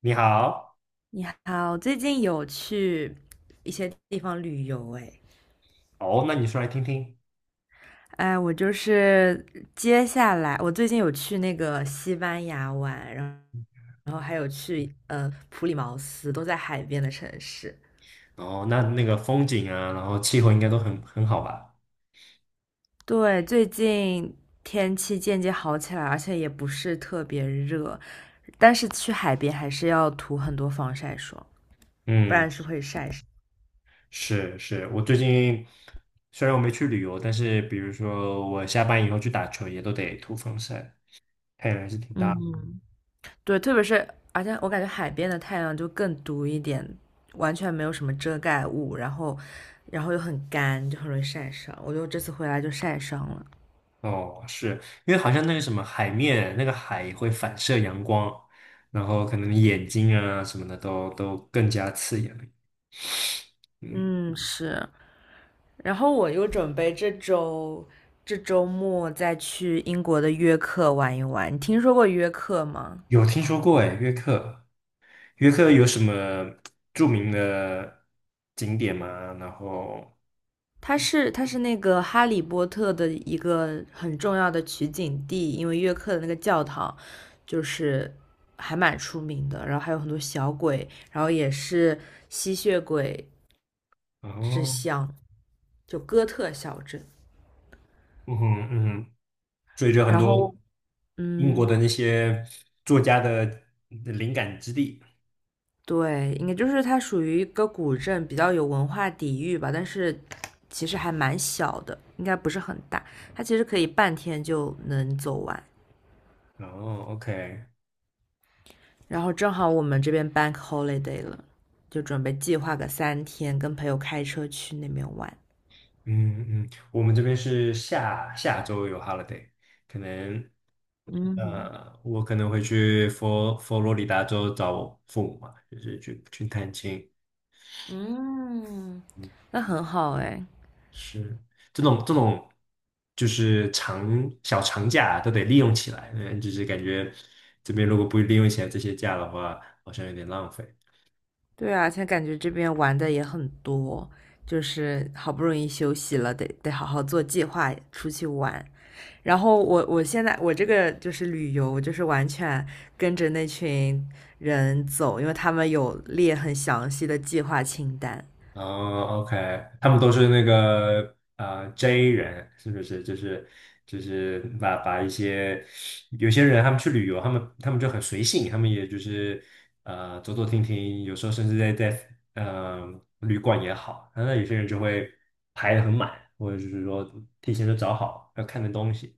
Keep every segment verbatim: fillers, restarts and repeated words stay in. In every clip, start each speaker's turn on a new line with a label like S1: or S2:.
S1: 你好。
S2: 你好，最近有去一些地方旅游哎，
S1: 哦，那你说来听听。
S2: 哎，我就是接下来，我最近有去那个西班牙玩，然后然后还有去呃普里茅斯，都在海边的城市。
S1: 哦，那那个风景啊，然后气候应该都很很好吧？
S2: 对，最近天气渐渐好起来，而且也不是特别热，但是去海边还是要涂很多防晒霜，不
S1: 嗯，
S2: 然是会晒伤。
S1: 是是，我最近虽然我没去旅游，但是比如说我下班以后去打球，也都得涂防晒，太阳还是挺大的。
S2: 嗯，对，特别是而且我感觉海边的太阳就更毒一点，完全没有什么遮盖物，然后然后又很干，就很容易晒伤。我就这次回来就晒伤了。
S1: 哦，是因为好像那个什么海面，那个海会反射阳光，然后可能眼睛啊什么的都都更加刺眼了。嗯，
S2: 嗯，是。然后我又准备这周，这周末再去英国的约克玩一玩。你听说过约克吗？
S1: 有听说过哎，约克，约克有什么著名的景点吗？然后，
S2: 它是它是那个《哈利波特》的一个很重要的取景地，因为约克的那个教堂就是还蛮出名的，然后还有很多小鬼，然后也是吸血鬼之
S1: 哦，
S2: 乡，就哥特小镇。
S1: 嗯哼嗯哼，所以就很
S2: 然
S1: 多
S2: 后，
S1: 英国
S2: 嗯，
S1: 的那些作家的灵感之地。
S2: 对，应该就是它属于一个古镇，比较有文化底蕴吧，但是其实还蛮小的，应该不是很大，它其实可以半天就能走完。
S1: 哦，OK。
S2: 然后正好我们这边 bank holiday 了，就准备计划个三天，跟朋友开车去那边玩。
S1: 嗯嗯，我们这边是下下周有 holiday，可能
S2: 嗯
S1: 呃，我可能会去佛佛罗里达州找我父母嘛，就是去去探亲。
S2: 嗯，
S1: 嗯，
S2: 那很好哎。
S1: 是这种这种，就是长小长假都得利用起来，嗯，就是感觉这边如果不利用起来这些假的话，好像有点浪费。
S2: 对啊，现在感觉这边玩的也很多，就是好不容易休息了，得得好好做计划出去玩。然后我我现在我这个就是旅游，我就是完全跟着那群人走，因为他们有列很详细的计划清单。
S1: 哦，OK。他们都是那个啊 J 人，是不是就是就是把把一些有些人他们去旅游，他们他们就很随性，他们也就是呃走走停停，有时候甚至在在嗯旅馆也好，那有些人就会排得很满，或者就是说提前就找好要看的东西。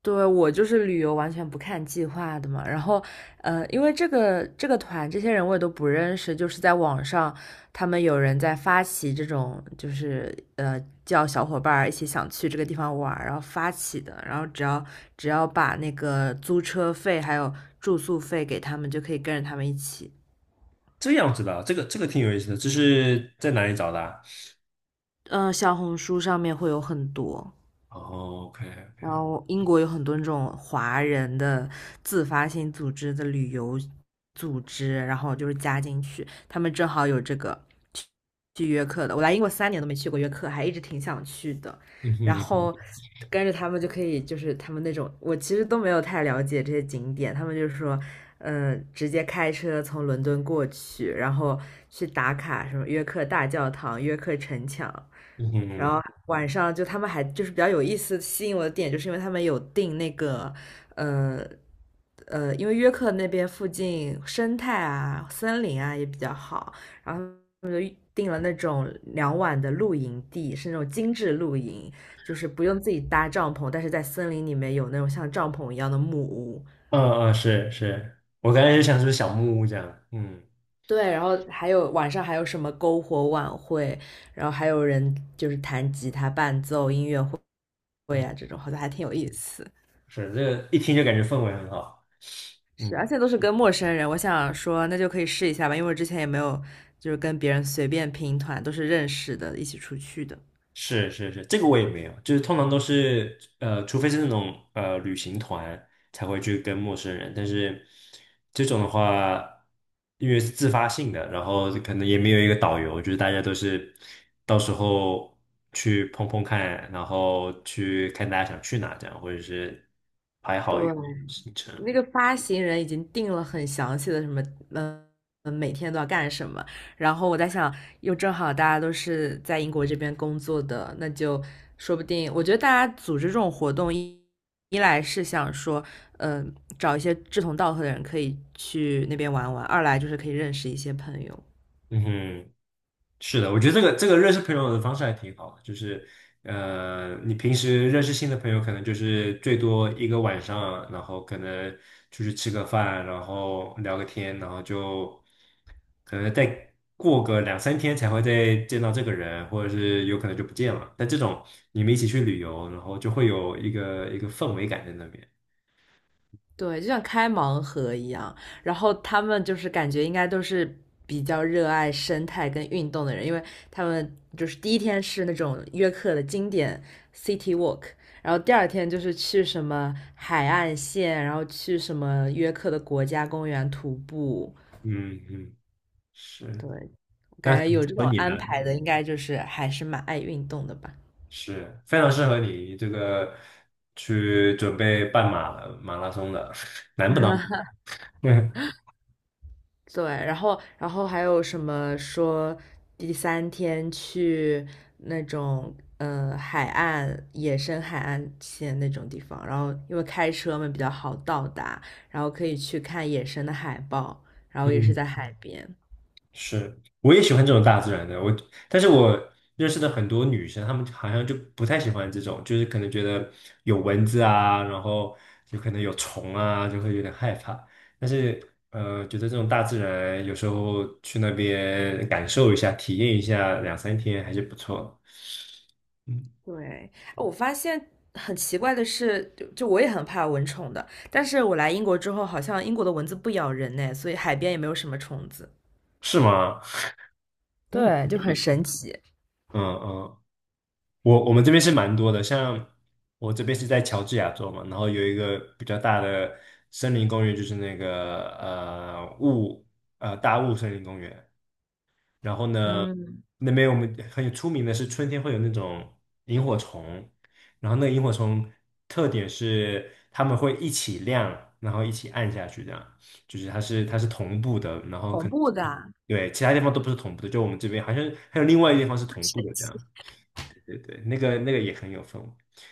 S2: 对，我就是旅游完全不看计划的嘛，然后，呃，因为这个这个团这些人我也都不认识，就是在网上他们有人在发起这种，就是呃叫小伙伴一起想去这个地方玩然后发起的，然后只要只要把那个租车费还有住宿费给他们，就可以跟着他们一起。
S1: 这样子的，这个这个挺有意思的，这是在哪里找的啊？
S2: 嗯、呃小红书上面会有很多。
S1: 哦，OK。
S2: 然后英国有很多那种华人的自发性组织的旅游组织，然后就是加进去，他们正好有这个去去约克的。我来英国三年都没去过约克，还一直挺想去的。
S1: 嗯
S2: 然
S1: 哼
S2: 后跟着他们就可以，就是他们那种，我其实都没有太了解这些景点，他们就是说，嗯，直接开车从伦敦过去，然后去打卡什么约克大教堂、约克城墙。
S1: 嗯
S2: 然
S1: 哼。
S2: 后晚上就他们还就是比较有意思，吸引我的点就是因为他们有订那个，呃呃，因为约克那边附近生态啊、森林啊也比较好，然后他们就订了那种两晚的露营地，是那种精致露营，就是不用自己搭帐篷，但是在森林里面有那种像帐篷一样的木屋。
S1: 嗯嗯，是是，我刚才就想是不是小木屋这样，嗯。
S2: 对，然后还有晚上还有什么篝火晚会，然后还有人就是弹吉他伴奏音乐会
S1: 嗯，
S2: 啊，这种好像还挺有意思。
S1: 是这个一听就感觉氛围很好，
S2: 是，
S1: 嗯。
S2: 而且都是跟陌生人，我想说那就可以试一下吧，因为我之前也没有就是跟别人随便拼团，都是认识的，一起出去的。
S1: 是是是，这个我也没有，就是通常都是呃，除非是那种呃旅行团才会去跟陌生人，但是这种的话，因为是自发性的，然后可能也没有一个导游，就是大家都是到时候去碰碰看，然后去看大家想去哪这样，或者是排
S2: 对，
S1: 好一个行程。
S2: 那个发行人已经定了很详细的什么，嗯，嗯每天都要干什么。然后我在想，又正好大家都是在英国这边工作的，那就说不定，我觉得大家组织这种活动一，一来是想说，嗯、找一些志同道合的人可以去那边玩玩；二来就是可以认识一些朋友。
S1: 嗯哼。是的，我觉得这个这个认识朋友的方式还挺好的，就是呃，你平时认识新的朋友，可能就是最多一个晚上，然后可能出去吃个饭，然后聊个天，然后就可能再过个两三天才会再见到这个人，或者是有可能就不见了。但这种你们一起去旅游，然后就会有一个一个氛围感在那边。
S2: 对，就像开盲盒一样，然后他们就是感觉应该都是比较热爱生态跟运动的人，因为他们就是第一天是那种约克的经典 city walk，然后第二天就是去什么海岸线，然后去什么约克的国家公园徒步。
S1: 嗯嗯，是。
S2: 对，我感
S1: 那
S2: 觉有这
S1: 和
S2: 种
S1: 你呢？
S2: 安排的，应该就是还是蛮爱运动的吧。
S1: 是非常适合你这个去准备半马马拉松的，难不难？对。
S2: 对，然后然后还有什么说第三天去那种呃海岸野生海岸线那种地方，然后因为开车嘛比较好到达，然后可以去看野生的海豹，然后也是
S1: 嗯，
S2: 在海边。
S1: 是，我也喜欢这种大自然的。我，但是我认识的很多女生，她们好像就不太喜欢这种，就是可能觉得有蚊子啊，然后有可能有虫啊，就会有点害怕。但是，呃，觉得这种大自然有时候去那边感受一下、体验一下两三天还是不错的。嗯，
S2: 对，哎我发现很奇怪的是，就就我也很怕蚊虫的，但是我来英国之后，好像英国的蚊子不咬人呢，所以海边也没有什么虫子。
S1: 是吗？
S2: 对，
S1: 嗯
S2: 就很神奇。
S1: 嗯嗯，我我们这边是蛮多的，像我这边是在乔治亚州嘛，然后有一个比较大的森林公园，就是那个呃雾呃大雾森林公园。然后呢，
S2: 嗯，
S1: 那边我们很有出名的是春天会有那种萤火虫，然后那个萤火虫特点是它们会一起亮，然后一起暗下去，这样就是它是它是同步的，然后可
S2: 恐
S1: 能
S2: 怖的，
S1: 对其他地方都不是同步的，就我们这边好像还有另外一个地方是
S2: 很
S1: 同步
S2: 神
S1: 的这
S2: 奇。
S1: 样。对对，那个那个也很有氛围，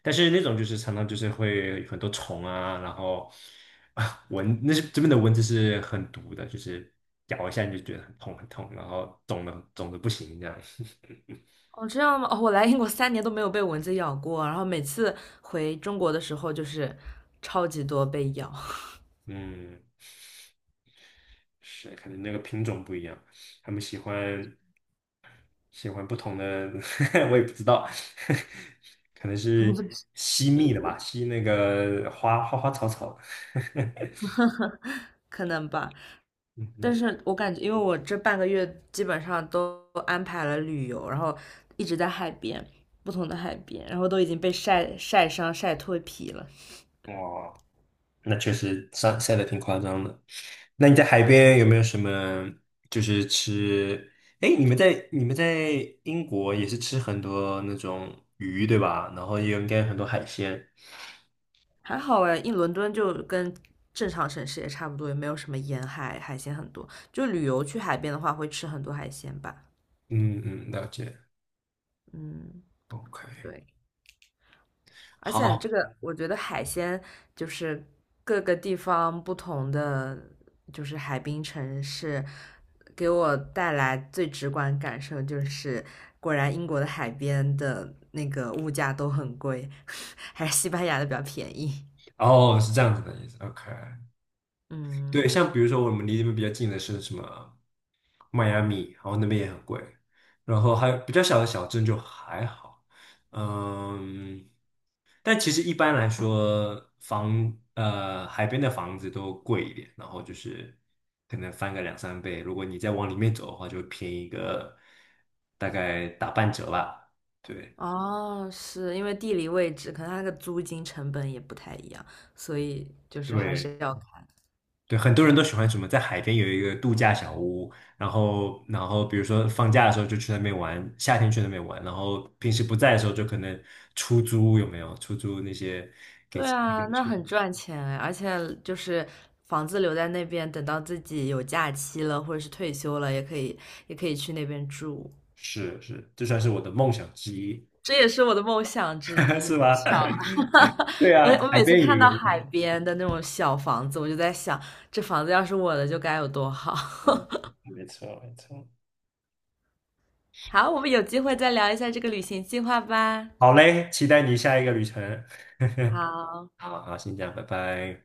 S1: 但是那种就是常常就是会有很多虫啊，然后啊蚊，那是这边的蚊子是很毒的，就是咬一下你就觉得很痛很痛，然后肿的肿的不行这样。
S2: 哦，这样吗？哦，我来英国三年都没有被蚊子咬过，然后每次回中国的时候就是超级多被咬，
S1: 嗯，是，可能那个品种不一样，他们喜欢喜欢不同的，我也不知道，可能是吸蜜的吧，吸那个花花花草草。
S2: 可能吧。但
S1: 嗯
S2: 是我感觉，因为我这半个月基本上都安排了旅游，然后一直在海边，不同的海边，然后都已经被晒晒伤、晒脱皮了。
S1: 哼，哇。那确实晒晒的挺夸张的。那你在海边有没有什么就是吃？哎，你们在你们在英国也是吃很多那种鱼对吧？然后也有应该很多海鲜。
S2: 还好哎，一伦敦就跟正常城市也差不多，也没有什么沿海，海鲜很多。就旅游去海边的话，会吃很多海鲜吧。
S1: 嗯嗯，了解。
S2: 嗯，
S1: OK。
S2: 对。而且这
S1: 好。
S2: 个，我觉得海鲜就是各个地方不同的，就是海滨城市，给我带来最直观感受就是，果然英国的海边的那个物价都很贵，还是西班牙的比较便宜。
S1: 哦，是这样子的意思。OK。对，
S2: 嗯，
S1: 像比如说我们离这边比较近的是什么迈阿密，然后那边也很贵，然后还有比较小的小镇就还好，嗯，但其实一般来说房呃海边的房子都贵一点，然后就是可能翻个两三倍，如果你再往里面走的话，就会便宜个大概打半折吧，对。
S2: 哦，是因为地理位置，可能它那个租金成本也不太一样，所以就是还
S1: 对，
S2: 是要看。
S1: 对，很多人都喜欢什么，在海边有一个度假小屋，然后，然后比如说放假的时候就去那边玩，夏天去那边玩，然后平时不在的时候就可能出租，有没有？出租那些给
S2: 对
S1: 钱那
S2: 啊，
S1: 个
S2: 那
S1: 去。
S2: 很赚钱哎，而且就是房子留在那边，等到自己有假期了或者是退休了，也可以也可以去那边住。
S1: 是是，这算是我的梦想之一，
S2: 这也是我的梦想之 一，
S1: 是
S2: 好
S1: 吧？
S2: 巧啊！
S1: 对
S2: 我
S1: 啊，
S2: 我
S1: 海
S2: 每次
S1: 边有
S2: 看到
S1: 一个，
S2: 海边的那种小房子，我就在想，这房子要是我的，就该有多好。
S1: 嗯，嗯没错没错。
S2: 好，我们有机会再聊一下这个旅行计划吧。
S1: 好嘞，期待你下一个旅程。
S2: 好。
S1: 好好，先这样，拜拜。